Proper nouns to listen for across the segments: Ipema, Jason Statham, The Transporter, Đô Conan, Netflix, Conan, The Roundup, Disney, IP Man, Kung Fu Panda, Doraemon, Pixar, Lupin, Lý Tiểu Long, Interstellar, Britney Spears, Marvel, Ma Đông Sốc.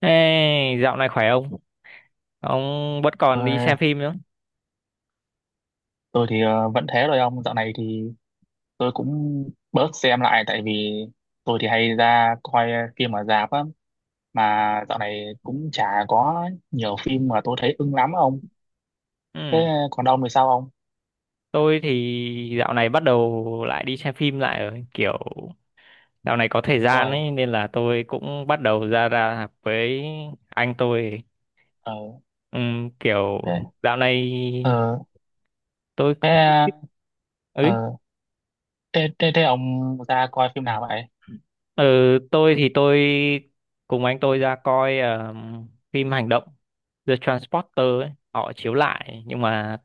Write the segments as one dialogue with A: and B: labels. A: Ê, dạo này khỏe không? Ông vẫn
B: Ờ,
A: còn đi xem phim nữa.
B: tôi thì vẫn thế rồi, ông. Dạo này thì tôi cũng bớt xem lại, tại vì tôi thì hay ra coi phim ở rạp á, mà dạo này cũng chả có nhiều phim mà tôi thấy ưng lắm á ông.
A: Ừ,
B: Thế còn ông thì sao, ông?
A: tôi thì dạo này bắt đầu lại đi xem phim lại rồi. Kiểu dạo này có thời gian
B: Ôi.
A: ấy nên là tôi cũng bắt đầu ra ra với anh tôi.
B: Ờ.
A: Ừ, kiểu
B: Thế.
A: dạo này
B: Ờ.
A: tôi
B: Thế.
A: ấy.
B: Ờ. Thế ông ra coi phim nào vậy?
A: Ừ, tôi cùng anh tôi ra coi phim hành động The Transporter ấy. Họ chiếu lại nhưng mà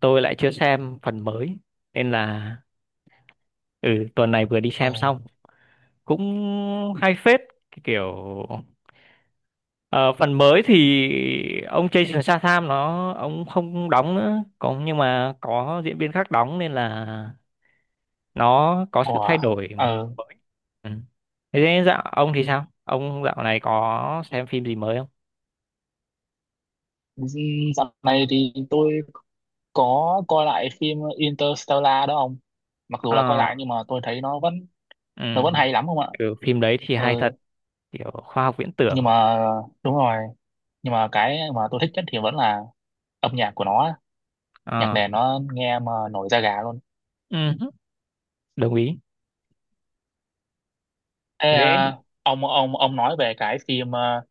A: tôi lại chưa xem phần mới nên là ừ, tuần này vừa đi
B: Ờ
A: xem xong, cũng hay phết. Cái kiểu ờ, phần mới thì ông Jason Statham nó ông không đóng nữa có, nhưng mà có diễn viên khác đóng nên là nó có sự thay
B: ủa
A: đổi
B: ờ
A: mới. Ừ. Thế nên dạo ông thì sao, ông dạo này có xem phim gì mới không?
B: Dạo này thì tôi có coi lại phim Interstellar đó ông. Mặc dù là coi
A: Ờ.
B: lại nhưng mà tôi thấy nó vẫn
A: Ừ.
B: nó vẫn hay lắm không ạ.
A: Ừ, phim đấy thì hay
B: Ừ.
A: thật, kiểu khoa học viễn
B: Nhưng
A: tưởng.
B: mà đúng rồi. Nhưng mà cái mà tôi thích nhất thì vẫn là âm nhạc của nó. Nhạc
A: Ờ.
B: nền nó nghe mà nổi da gà luôn.
A: Ừ. Đồng ý.
B: Thế
A: Thế
B: à? Ông nói về cái phim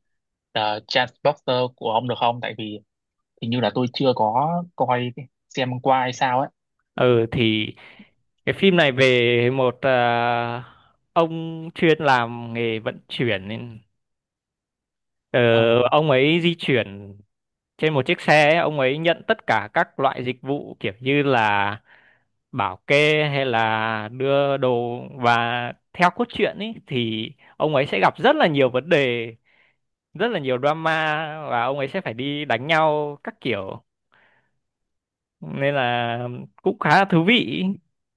B: The Transporter của ông được không? Tại vì hình như là tôi chưa có coi xem qua hay sao ấy.
A: ừ thì cái phim này về một ông chuyên làm nghề vận chuyển nên, Ờ,
B: Ừ.
A: ông ấy di chuyển trên một chiếc xe ấy, ông ấy nhận tất cả các loại dịch vụ kiểu như là bảo kê hay là đưa đồ, và theo cốt truyện ấy thì ông ấy sẽ gặp rất là nhiều vấn đề, rất là nhiều drama và ông ấy sẽ phải đi đánh nhau các kiểu nên là cũng khá là thú vị.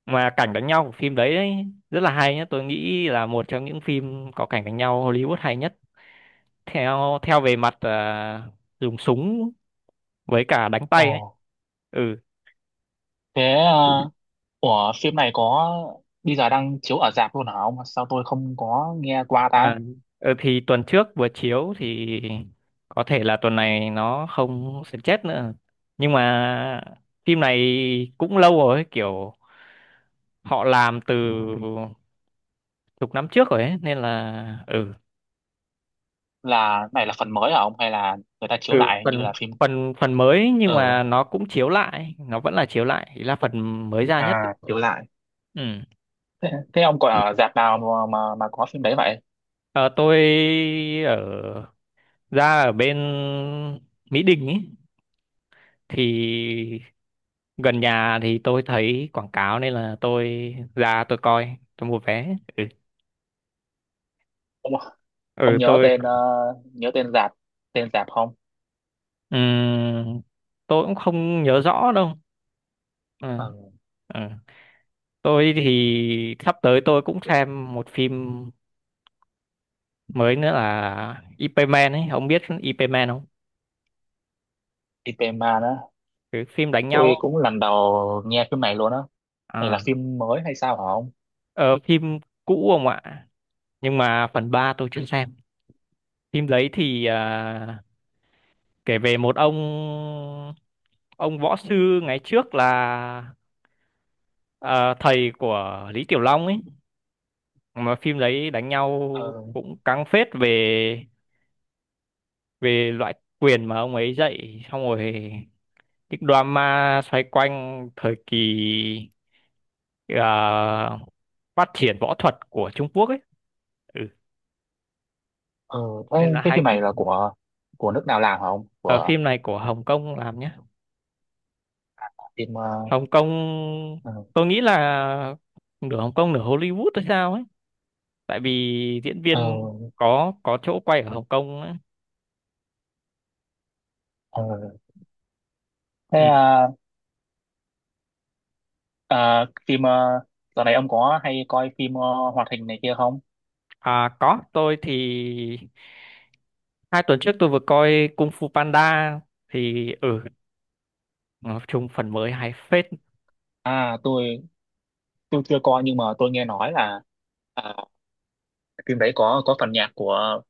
A: Mà cảnh đánh nhau của phim đấy ấy, rất là hay nhá, tôi nghĩ là một trong những phim có cảnh đánh nhau Hollywood hay nhất theo theo về mặt dùng súng với cả đánh
B: Ồ.
A: tay ấy. Ừ.
B: Thế à? Ủa, phim này có bây giờ đang chiếu ở rạp luôn hả ông? Sao tôi không có nghe qua ta.
A: À, ừ, thì tuần trước vừa chiếu thì có thể là tuần này nó không sẽ chết nữa, nhưng mà phim này cũng lâu rồi ấy, kiểu họ làm từ chục năm trước rồi ấy nên là ừ.
B: Là này là phần mới hả ông, hay là người ta chiếu
A: Ừ,
B: lại như
A: phần
B: là phim
A: phần phần mới nhưng
B: ờ
A: mà nó cũng chiếu lại, nó vẫn là chiếu lại, ý là phần mới ra nhất.
B: à? Hiểu lại.
A: Ừ.
B: Thế ông còn ở rạp nào mà có phim đấy vậy?
A: Ờ, tôi ở, ra ở bên Mỹ Đình ấy thì gần nhà thì tôi thấy quảng cáo nên là tôi ra, tôi coi, tôi mua vé, ừ,
B: ông
A: ừ,
B: ông nhớ tên nhớ tên rạp, tên rạp không?
A: ừm, tôi cũng không nhớ rõ đâu, ừ.
B: ờ
A: Ừ, tôi thì sắp tới tôi cũng xem một phim mới nữa là IP Man ấy, ông biết IP Man không?
B: Ipema đó.
A: Cái phim đánh nhau.
B: Tôi cũng lần đầu nghe phim này luôn á. Này là
A: À,
B: phim mới hay sao hả ông?
A: ờ, phim cũ không ạ, nhưng mà phần 3 tôi chưa xem. Phim đấy thì kể về một ông võ sư ngày trước là ờ, thầy của Lý Tiểu Long ấy. Mà phim đấy đánh nhau
B: ờ
A: cũng căng phết về về loại quyền mà ông ấy dạy, xong rồi cái drama xoay quanh thời kỳ ờ, phát triển võ thuật của Trung Quốc ấy. Ừ.
B: ờ Thế
A: Nên là
B: cái
A: hay
B: phim
A: phết.
B: này là của nước nào làm hả ông,
A: Ở
B: của
A: phim này của Hồng Kông làm nhá,
B: phim. Ờ
A: Hồng Kông.
B: ờ
A: Tôi nghĩ là nửa Hồng Kông nửa Hollywood hay sao ấy, tại vì diễn
B: ờ
A: viên có chỗ quay ở Hồng Kông á.
B: ờ. Thế
A: Ừ.
B: à? À, phim dạo này ông có hay coi phim hoạt hình này kia không?
A: À, có, tôi thì hai tuần trước tôi vừa coi Kung Fu Panda thì ừ, nói chung phần mới hay phết.
B: À, tôi chưa coi nhưng mà tôi nghe nói là phim đấy có phần nhạc của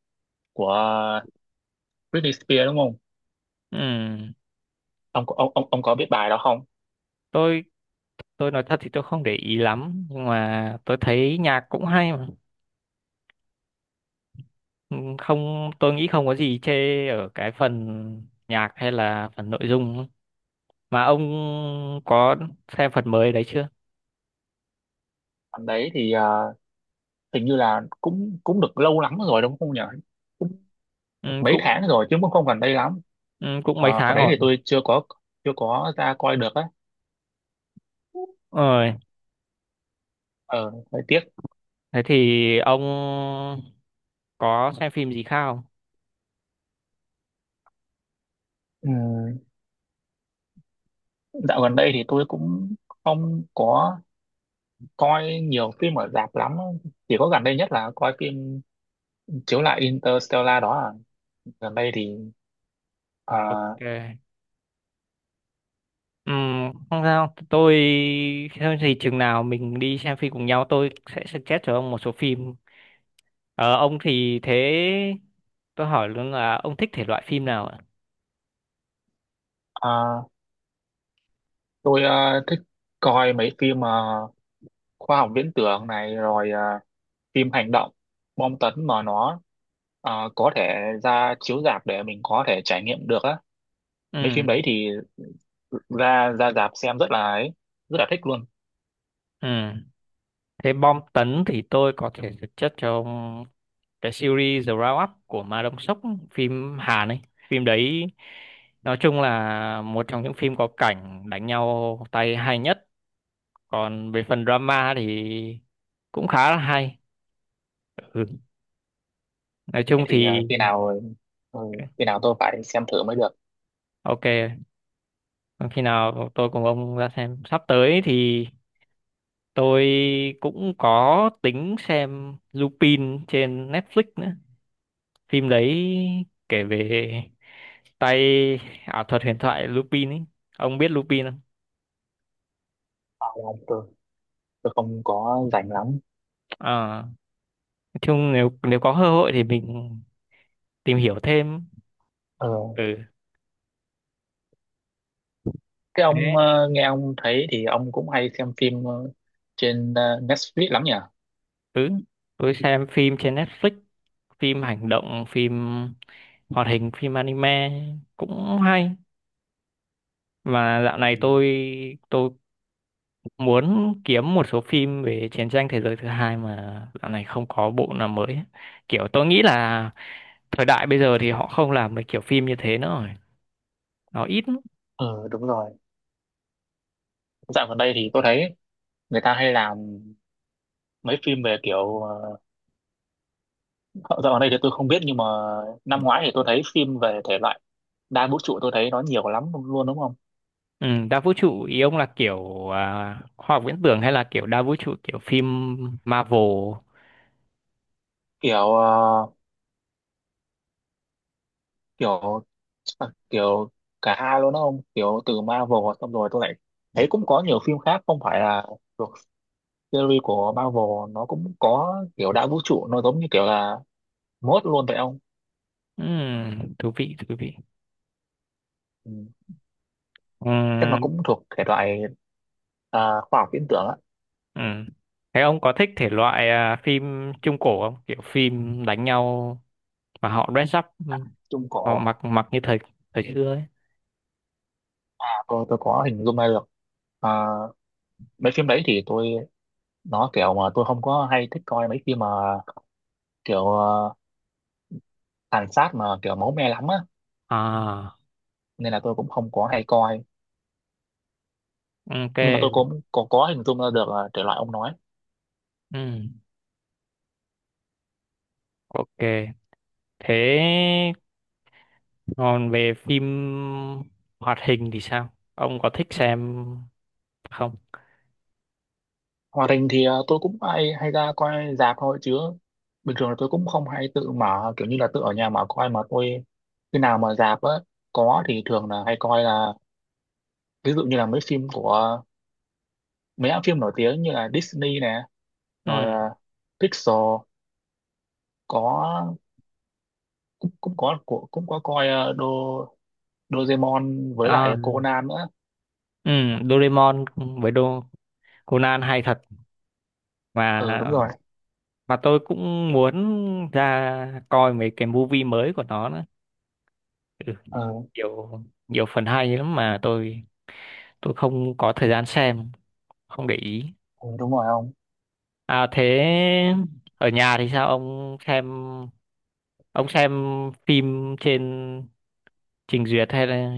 B: của Britney Spears đúng không?
A: Ừ.
B: Ông có biết bài đó không?
A: tôi tôi nói thật thì tôi không để ý lắm, nhưng mà tôi thấy nhạc cũng hay mà. Ừ, không, tôi nghĩ không có gì chê ở cái phần nhạc hay là phần nội dung mà. Ông có xem phần mới đấy chưa?
B: Phần đấy thì hình như là cũng cũng được lâu lắm rồi đúng không nhỉ? Cũng
A: Ừ,
B: được mấy
A: cũng
B: tháng rồi chứ, cũng không gần đây lắm.
A: ừ, cũng mấy
B: Phần
A: tháng
B: đấy
A: rồi.
B: thì tôi chưa có ra coi được á.
A: Ừ.
B: Ờ, hơi tiếc.
A: Thế thì ông có xem phim gì không?
B: Ừ, dạo gần đây thì tôi cũng không có coi nhiều phim ở rạp lắm. Chỉ có gần đây nhất là coi phim chiếu lại Interstellar đó à. Gần đây thì
A: Ok. Ừm, không sao, tôi thôi thì chừng nào mình đi xem phim cùng nhau tôi sẽ suggest cho ông một số phim. Ờ, ông thì thế tôi hỏi luôn là ông thích thể loại phim nào ạ?
B: ờ, tôi thích coi mấy phim khoa học viễn tưởng này, rồi phim hành động, bom tấn mà nó có thể ra chiếu rạp để mình có thể trải nghiệm được á. Mấy
A: Ừ.
B: phim đấy thì ra ra rạp xem rất là ấy, rất là thích luôn.
A: Ừ. Thế bom tấn thì tôi có thể suggest cho ông cái series The Roundup của Ma Đông Sốc, phim Hàn ấy. Phim đấy nói chung là một trong những phim có cảnh đánh nhau tay hay nhất, còn về phần drama thì cũng khá là hay. Ừ. Nói
B: Thế
A: chung
B: thì
A: thì
B: khi nào, ừ, khi nào tôi phải xem thử mới được.
A: ok. Còn khi nào tôi cùng ông ra xem sắp tới thì tôi cũng có tính xem Lupin trên Netflix nữa. Phim đấy kể về tay ảo thuật huyền thoại Lupin ấy, ông biết Lupin không?
B: Ờ, Tôi, tôi không có rảnh lắm.
A: À, nói chung nếu nếu có cơ hội thì mình tìm hiểu thêm.
B: Ờ,
A: Ừ.
B: Thế
A: Thế.
B: ông nghe ông thấy thì ông cũng hay xem phim trên Netflix lắm nhỉ?
A: Ừ, tôi xem phim trên Netflix, phim hành động, phim hoạt hình, phim anime cũng hay. Và dạo
B: Ừ.
A: này tôi muốn kiếm một số phim về chiến tranh thế giới thứ hai mà dạo này không có bộ nào mới ấy. Kiểu tôi nghĩ là thời đại bây giờ thì họ không làm được kiểu phim như thế nữa rồi. Nó ít lắm.
B: Ừ đúng rồi. Dạo gần đây thì tôi thấy người ta hay làm mấy phim về kiểu ờ, dạo gần đây thì tôi không biết, nhưng mà năm ngoái thì tôi thấy phim về thể loại đa vũ trụ, tôi thấy nó nhiều lắm luôn đúng không?
A: Ừ, đa vũ trụ ý ông là kiểu khoa học viễn tưởng hay là kiểu đa vũ trụ kiểu phim Marvel.
B: Kiểu ờ, kiểu ờ, kiểu cả hai luôn đúng không? Kiểu từ Marvel xong rồi tôi lại thấy cũng có nhiều phim khác không phải là thuộc series của Marvel, nó cũng có kiểu đa vũ trụ, nó giống như kiểu là mốt luôn vậy không?
A: Ừ, thú vị, thú vị.
B: Ừ.
A: Ừ.
B: Chắc nó cũng thuộc thể loại khoa học viễn tưởng á.
A: Ừ. Thế ông có thích thể loại phim trung cổ không? Kiểu phim đánh nhau mà họ dress up, ừ,
B: Chung
A: họ
B: cổ
A: mặc mặc như thời, thời xưa ấy.
B: à? Tôi có hình dung ra được. À, mấy phim đấy thì tôi, nó kiểu mà tôi không có hay thích coi mấy phim mà kiểu tàn sát mà kiểu máu me lắm á.
A: À,
B: Nên là tôi cũng không có hay coi,
A: ok,
B: nhưng mà tôi cũng có hình dung ra được thể loại ông nói.
A: ừ, ok. Thế còn về phim hoạt hình thì sao? Ông có thích xem không?
B: Hoạt hình thì tôi cũng hay hay ra coi rạp thôi, chứ bình thường là tôi cũng không hay tự mở kiểu như là tự ở nhà mà coi. Mà tôi khi nào mà rạp á có thì thường là hay coi, là ví dụ như là mấy phim của mấy hãng phim nổi tiếng như là Disney nè, rồi
A: Ừ,
B: Pixar, có cũng cũng có của cũng có coi Doraemon với
A: à,
B: lại Conan nữa.
A: ừ, Doraemon với Đô, Conan hay thật, mà
B: Ừ đúng rồi.
A: mà tôi cũng muốn ra coi mấy cái movie mới của nó nữa. Ừ,
B: Ừ,
A: nhiều, nhiều phần hay lắm mà tôi không có thời gian xem, không để ý.
B: ừ đúng rồi ông.
A: À thế ở nhà thì sao, ông xem, ông xem phim trên trình duyệt hay là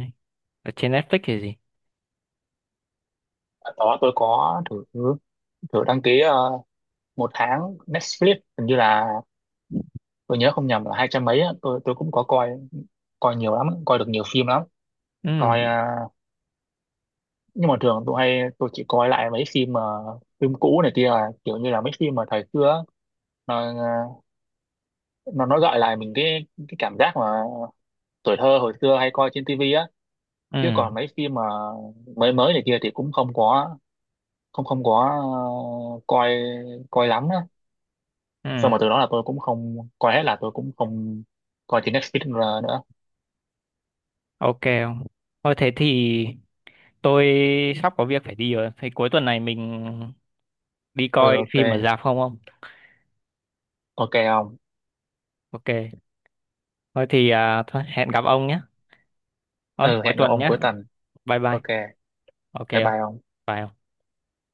A: ở trên Netflix hay gì?
B: Ở đó tôi có thử thử đăng ký 1 tháng Netflix, hình như là, tôi nhớ không nhầm, là 200 mấy á. Tôi cũng có coi, coi nhiều lắm, coi được nhiều phim lắm.
A: Ừ.
B: Coi nhưng mà thường tôi chỉ coi lại mấy phim mà, phim cũ này kia à, kiểu như là mấy phim mà thời xưa á. Nó ờ, nó gợi lại mình cái cảm giác mà tuổi thơ hồi xưa hay coi trên tivi á.
A: Ừ.
B: Chứ còn mấy phim mà mới mới này kia thì cũng không có coi coi lắm á. Xong mà
A: Ừ.
B: từ đó là tôi cũng không coi hết, là tôi cũng không coi trên Netflix nữa.
A: Ok ông. Thôi thế thì tôi sắp có việc phải đi rồi thì cuối tuần này mình đi
B: Ừ.
A: coi
B: Ok.
A: phim ở rạp không ông?
B: Ok ông.
A: Ok. Thôi thì thôi, hẹn gặp ông nhé, thôi
B: Ừ,
A: cuối
B: hẹn gặp
A: tuần
B: ông
A: nhé.
B: cuối tuần.
A: Bye bye.
B: Ok.
A: Ok
B: Bye
A: không?
B: bye ông.
A: Phải không?